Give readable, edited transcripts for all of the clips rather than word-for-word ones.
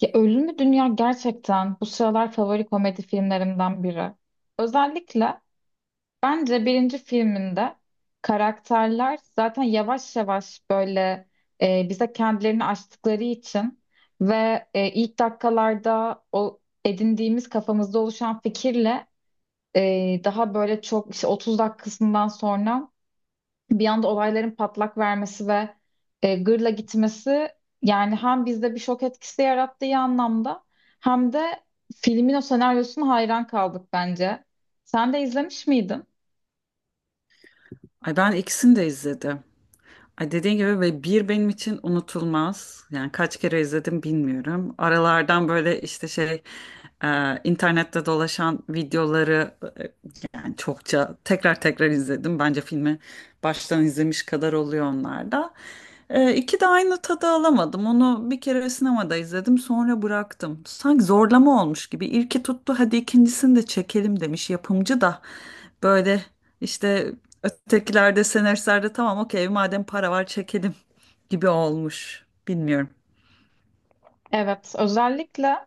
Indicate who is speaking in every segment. Speaker 1: Ya Ölümlü Dünya gerçekten bu sıralar favori komedi filmlerimden biri. Özellikle bence birinci filminde karakterler zaten yavaş yavaş böyle bize kendilerini açtıkları için ve ilk dakikalarda o edindiğimiz kafamızda oluşan fikirle daha böyle çok işte 30 dakikasından sonra bir anda olayların patlak vermesi ve gırla gitmesi, yani hem bizde bir şok etkisi yarattığı anlamda hem de filmin o senaryosuna hayran kaldık bence. Sen de izlemiş miydin?
Speaker 2: Ay ben ikisini de izledim. Ay dediğin gibi ve bir benim için unutulmaz. Yani kaç kere izledim bilmiyorum. Aralardan böyle işte şey internette dolaşan videoları e, yani çokça tekrar tekrar izledim. Bence filmi baştan izlemiş kadar oluyor onlarda. E, iki de aynı tadı alamadım. Onu bir kere sinemada izledim sonra bıraktım. Sanki zorlama olmuş gibi. İlki tuttu hadi ikincisini de çekelim demiş yapımcı da. Böyle işte ötekilerde senaristlerde tamam okey madem para var çekelim gibi olmuş. Bilmiyorum.
Speaker 1: Evet, özellikle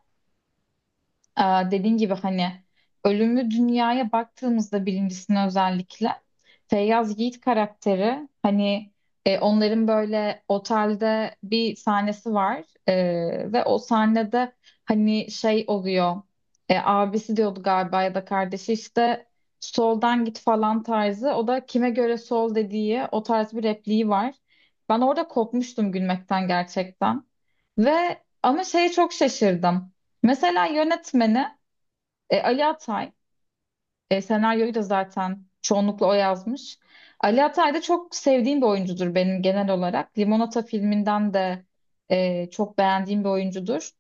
Speaker 1: Ee, dediğin gibi hani ölümlü dünyaya baktığımızda birincisine özellikle Feyyaz Yiğit karakteri, hani onların böyle otelde bir sahnesi var. Ve o sahnede hani şey oluyor, abisi diyordu galiba ya da kardeşi işte soldan git falan tarzı, o da kime göre sol dediği, o tarz bir repliği var. Ben orada kopmuştum gülmekten gerçekten ve ama şeye çok şaşırdım. Mesela yönetmeni Ali Atay, senaryoyu da zaten çoğunlukla o yazmış. Ali Atay da çok sevdiğim bir oyuncudur benim, genel olarak. Limonata filminden de çok beğendiğim bir oyuncudur.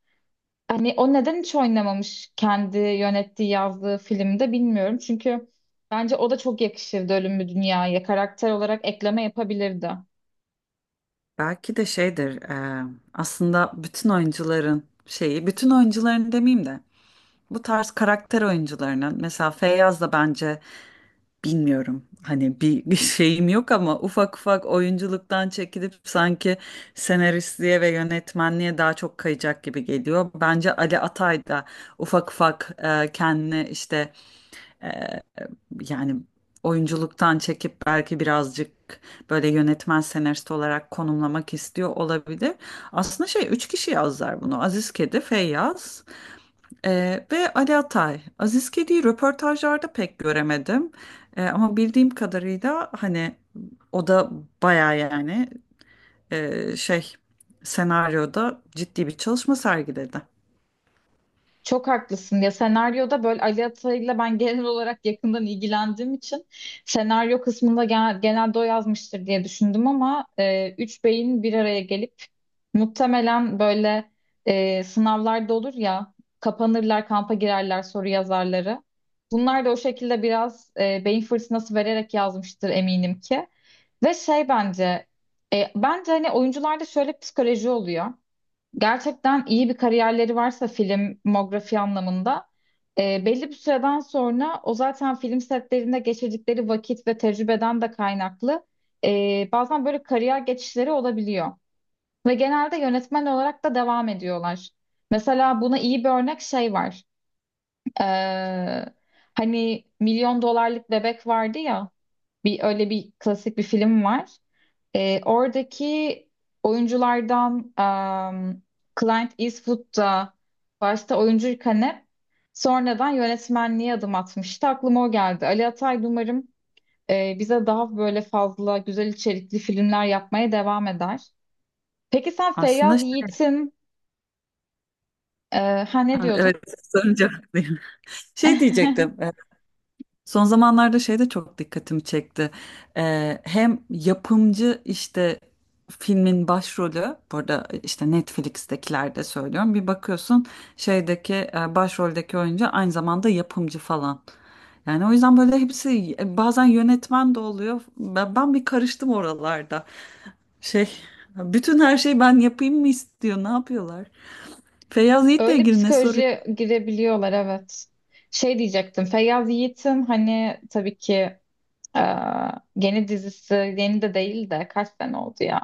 Speaker 1: Hani o neden hiç oynamamış kendi yönettiği, yazdığı filmde bilmiyorum. Çünkü bence o da çok yakışırdı Ölüm Mü Dünya'ya. Karakter olarak ekleme yapabilirdi.
Speaker 2: Belki de şeydir aslında bütün oyuncuların şeyi bütün oyuncuların demeyeyim de bu tarz karakter oyuncularının mesela Feyyaz da bence bilmiyorum hani bir şeyim yok ama ufak ufak oyunculuktan çekilip sanki senaristliğe ve yönetmenliğe daha çok kayacak gibi geliyor. Bence Ali Atay da ufak ufak kendini işte e, yani oyunculuktan çekip belki birazcık böyle yönetmen senarist olarak konumlamak istiyor olabilir. Aslında şey üç kişi yazlar bunu. Aziz Kedi, Feyyaz e, ve Ali Atay. Aziz Kedi'yi röportajlarda pek göremedim. Ama bildiğim kadarıyla hani o da baya yani şey senaryoda ciddi bir çalışma sergiledi.
Speaker 1: Çok haklısın ya, senaryoda böyle Ali Atay'la ben genel olarak yakından ilgilendiğim için senaryo kısmında genelde o yazmıştır diye düşündüm, ama üç beyin bir araya gelip muhtemelen böyle, sınavlarda olur ya, kapanırlar, kampa girerler soru yazarları. Bunlar da o şekilde biraz beyin fırtınası vererek yazmıştır, eminim ki. Ve şey bence, bence hani oyuncularda şöyle psikoloji oluyor: gerçekten iyi bir kariyerleri varsa filmografi anlamında, belli bir süreden sonra o zaten film setlerinde geçirdikleri vakit ve tecrübeden de kaynaklı bazen böyle kariyer geçişleri olabiliyor. Ve genelde yönetmen olarak da devam ediyorlar. Mesela buna iyi bir örnek şey var. Ee, hani Milyon Dolarlık Bebek vardı ya, bir öyle bir klasik bir film var. Oradaki oyunculardan um, Clint Eastwood da başta oyuncuyken hep sonradan yönetmenliğe adım atmıştı. Aklıma o geldi. Ali Atay umarım bize daha böyle fazla güzel içerikli filmler yapmaya devam eder. Peki sen
Speaker 2: Aslında
Speaker 1: Feyyaz Yiğit'in ne
Speaker 2: Ha, evet
Speaker 1: diyordun?
Speaker 2: sorunca haklıyım. Şey diyecektim. Son zamanlarda şey de çok dikkatimi çekti. Hem yapımcı işte filmin başrolü, burada işte Netflix'tekilerde söylüyorum. Bir bakıyorsun şeydeki başroldeki oyuncu aynı zamanda yapımcı falan. Yani o yüzden böyle hepsi bazen yönetmen de oluyor. Ben bir karıştım oralarda. Şey, bütün her şeyi ben yapayım mı istiyor, ne yapıyorlar? Feyyaz Yiğit'le
Speaker 1: Öyle
Speaker 2: ilgili ne soruyor?
Speaker 1: psikolojiye girebiliyorlar, evet. Şey diyecektim. Feyyaz Yiğit'in hani tabii ki Ee, yeni dizisi, yeni de değil de kaç sene oldu ya,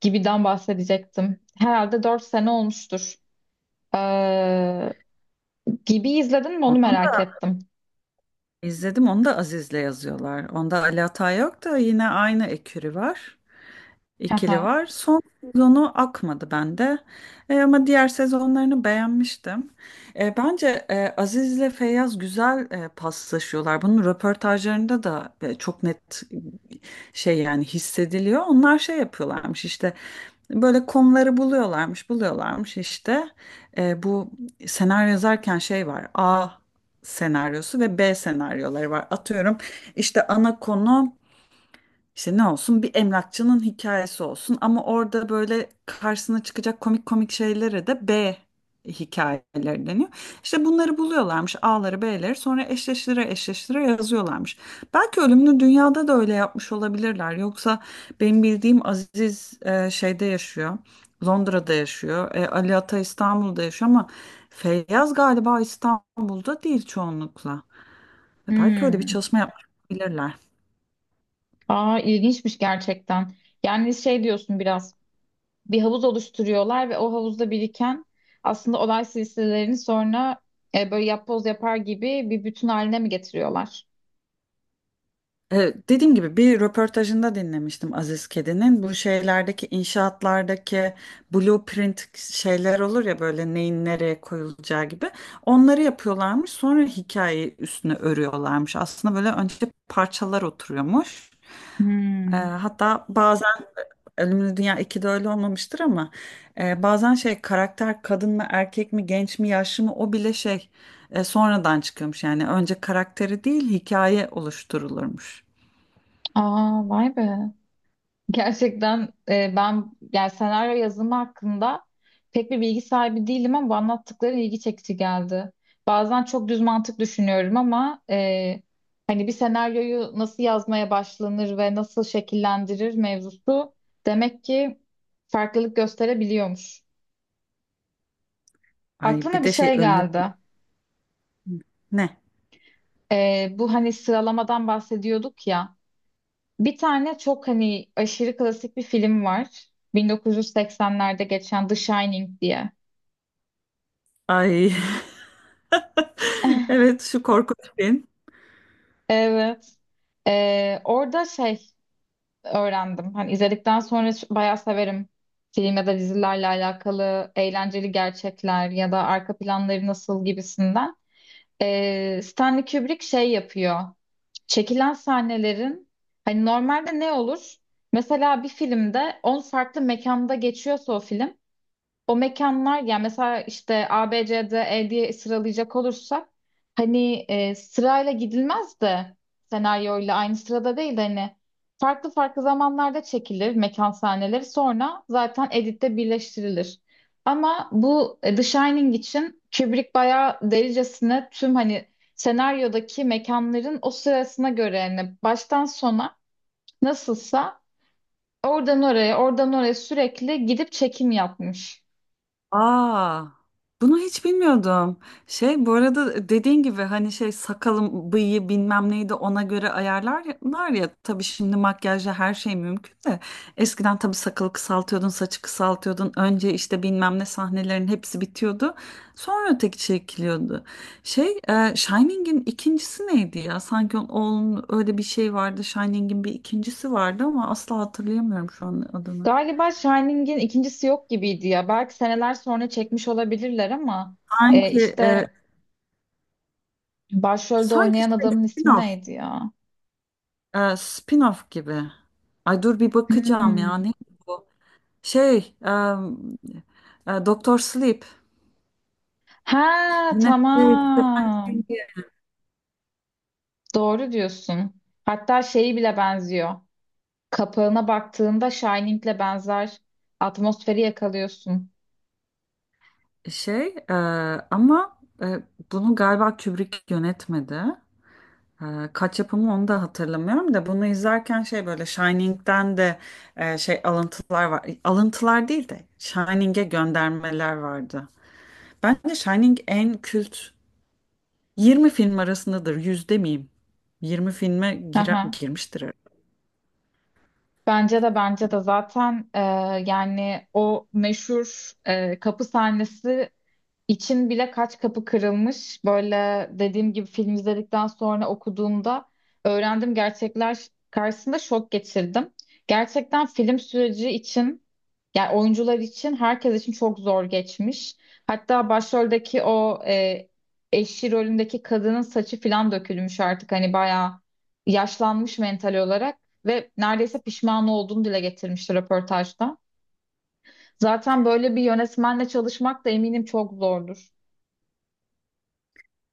Speaker 1: Gibi'den bahsedecektim. Herhalde 4 sene olmuştur. Ee, Gibi izledin mi onu merak ettim.
Speaker 2: İzledim onu da Aziz'le yazıyorlar. Onda Ali Atay yok da yine aynı ekürü var ikili
Speaker 1: Haha.
Speaker 2: var. Son sezonu akmadı bende. Ama diğer sezonlarını beğenmiştim. Bence Aziz ile Feyyaz güzel paslaşıyorlar. Bunun röportajlarında da çok net şey yani hissediliyor. Onlar şey yapıyorlarmış işte böyle konuları buluyorlarmış, buluyorlarmış işte. Bu senaryo yazarken şey var. A senaryosu ve B senaryoları var. Atıyorum işte ana konu işte ne olsun bir emlakçının hikayesi olsun ama orada böyle karşısına çıkacak komik komik şeylere de B hikayeleri deniyor. İşte bunları buluyorlarmış A'ları B'leri sonra eşleştire eşleştire yazıyorlarmış. Belki Ölümlü Dünya'da da öyle yapmış olabilirler. Yoksa benim bildiğim Aziz şeyde yaşıyor. Londra'da yaşıyor. Ali Ata İstanbul'da yaşıyor ama Feyyaz galiba İstanbul'da değil çoğunlukla. Belki öyle bir
Speaker 1: Hmm.
Speaker 2: çalışma yapmış olabilirler.
Speaker 1: Aa, ilginçmiş gerçekten. Yani şey diyorsun, biraz bir havuz oluşturuyorlar ve o havuzda biriken aslında olay silsilelerini sonra böyle yapboz yapar gibi bir bütün haline mi getiriyorlar?
Speaker 2: Dediğim gibi bir röportajında dinlemiştim Aziz Kedi'nin. Bu şeylerdeki inşaatlardaki blueprint şeyler olur ya böyle neyin nereye koyulacağı gibi. Onları yapıyorlarmış sonra hikayeyi üstüne örüyorlarmış. Aslında böyle önce parçalar oturuyormuş. Ee,
Speaker 1: Hmm.
Speaker 2: hatta bazen Ölümlü Dünya ikide öyle olmamıştır ama bazen şey karakter kadın mı erkek mi genç mi yaşlı mı o bile şey sonradan çıkıyormuş. Yani önce karakteri değil hikaye oluşturulurmuş.
Speaker 1: Aa, vay be. Gerçekten ben yani senaryo yazımı hakkında pek bir bilgi sahibi değilim, ama bu anlattıkların ilgi çekici geldi. Bazen çok düz mantık düşünüyorum, ama hani bir senaryoyu nasıl yazmaya başlanır ve nasıl şekillendirir mevzusu, demek ki farklılık gösterebiliyormuş.
Speaker 2: Ay bir
Speaker 1: Aklıma bir
Speaker 2: de şey
Speaker 1: şey
Speaker 2: önlü.
Speaker 1: geldi.
Speaker 2: Ne?
Speaker 1: Bu hani sıralamadan bahsediyorduk ya. Bir tane çok hani aşırı klasik bir film var. 1980'lerde geçen The Shining diye.
Speaker 2: Ay. Evet şu korkunç film.
Speaker 1: Evet. Orada şey öğrendim. Hani izledikten sonra, bayağı severim film ya da dizilerle alakalı eğlenceli gerçekler ya da arka planları nasıl gibisinden. Stanley Kubrick şey yapıyor. Çekilen sahnelerin hani normalde ne olur? Mesela bir filmde 10 farklı mekanda geçiyorsa o film, o mekanlar, yani mesela işte A, B, C, D, E diye sıralayacak olursak, hani sırayla gidilmez de, senaryoyla aynı sırada değil de hani farklı farklı zamanlarda çekilir mekan sahneleri, sonra zaten editte birleştirilir. Ama bu The Shining için Kubrick bayağı delicesine tüm hani senaryodaki mekanların o sırasına göre, yani baştan sona nasılsa, oradan oraya oradan oraya sürekli gidip çekim yapmış.
Speaker 2: Aa, bunu hiç bilmiyordum. Şey bu arada dediğin gibi hani şey sakalım, bıyığı bilmem neydi ona göre ayarlarlar ya. Tabii şimdi makyajla her şey mümkün de. Eskiden tabii sakalı kısaltıyordun, saçı kısaltıyordun. Önce işte bilmem ne sahnelerin hepsi bitiyordu. Sonra öteki çekiliyordu. Şey, Shining'in ikincisi neydi ya? Sanki onun öyle bir şey vardı. Shining'in bir ikincisi vardı ama asla hatırlayamıyorum şu an adını.
Speaker 1: Galiba Shining'in ikincisi yok gibiydi ya. Belki seneler sonra çekmiş olabilirler, ama
Speaker 2: Sanki e,
Speaker 1: işte başrolde
Speaker 2: sanki
Speaker 1: oynayan
Speaker 2: şey,
Speaker 1: adamın ismi
Speaker 2: spin-off.
Speaker 1: neydi ya?
Speaker 2: Spin-off gibi. Ay dur bir bakacağım ya.
Speaker 1: Hmm.
Speaker 2: Neydi bu? Şey, Doktor Sleep.
Speaker 1: Ha,
Speaker 2: Yine evet.
Speaker 1: tamam. Doğru diyorsun. Hatta şeyi bile benziyor. Kapağına baktığında Shining'le benzer atmosferi yakalıyorsun.
Speaker 2: şey e, ama bunu galiba Kubrick yönetmedi. E, kaç yapımı onu da hatırlamıyorum da bunu izlerken şey böyle Shining'den de şey alıntılar var. Alıntılar değil de Shining'e göndermeler vardı. Bence Shining en kült 20 film arasındadır. 100 demeyeyim. 20 filme girer,
Speaker 1: Aha.
Speaker 2: girmiştir herhalde.
Speaker 1: Bence de, bence de zaten yani o meşhur kapı sahnesi için bile kaç kapı kırılmış. Böyle dediğim gibi film izledikten sonra okuduğumda öğrendim, gerçekler karşısında şok geçirdim. Gerçekten film süreci için, yani oyuncular için, herkes için çok zor geçmiş. Hatta başroldeki o eşi rolündeki kadının saçı falan dökülmüş artık, hani bayağı yaşlanmış mental olarak ve neredeyse pişman olduğunu dile getirmişti röportajda. Zaten böyle bir yönetmenle çalışmak da eminim çok zordur.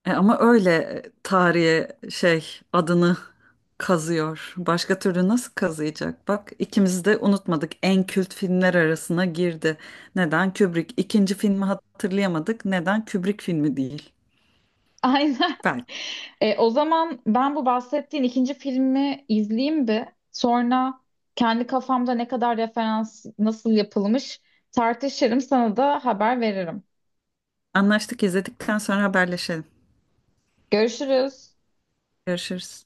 Speaker 2: Ama öyle tarihe şey adını kazıyor. Başka türlü nasıl kazıyacak? Bak ikimiz de unutmadık. En kült filmler arasına girdi. Neden Kubrick? İkinci filmi hatırlayamadık. Neden Kubrick filmi değil?
Speaker 1: Aynen.
Speaker 2: Belki.
Speaker 1: O zaman ben bu bahsettiğin ikinci filmi izleyeyim bir. Sonra kendi kafamda ne kadar referans nasıl yapılmış tartışırım, sana da haber veririm.
Speaker 2: Anlaştık izledikten sonra haberleşelim.
Speaker 1: Görüşürüz.
Speaker 2: Görüşürüz.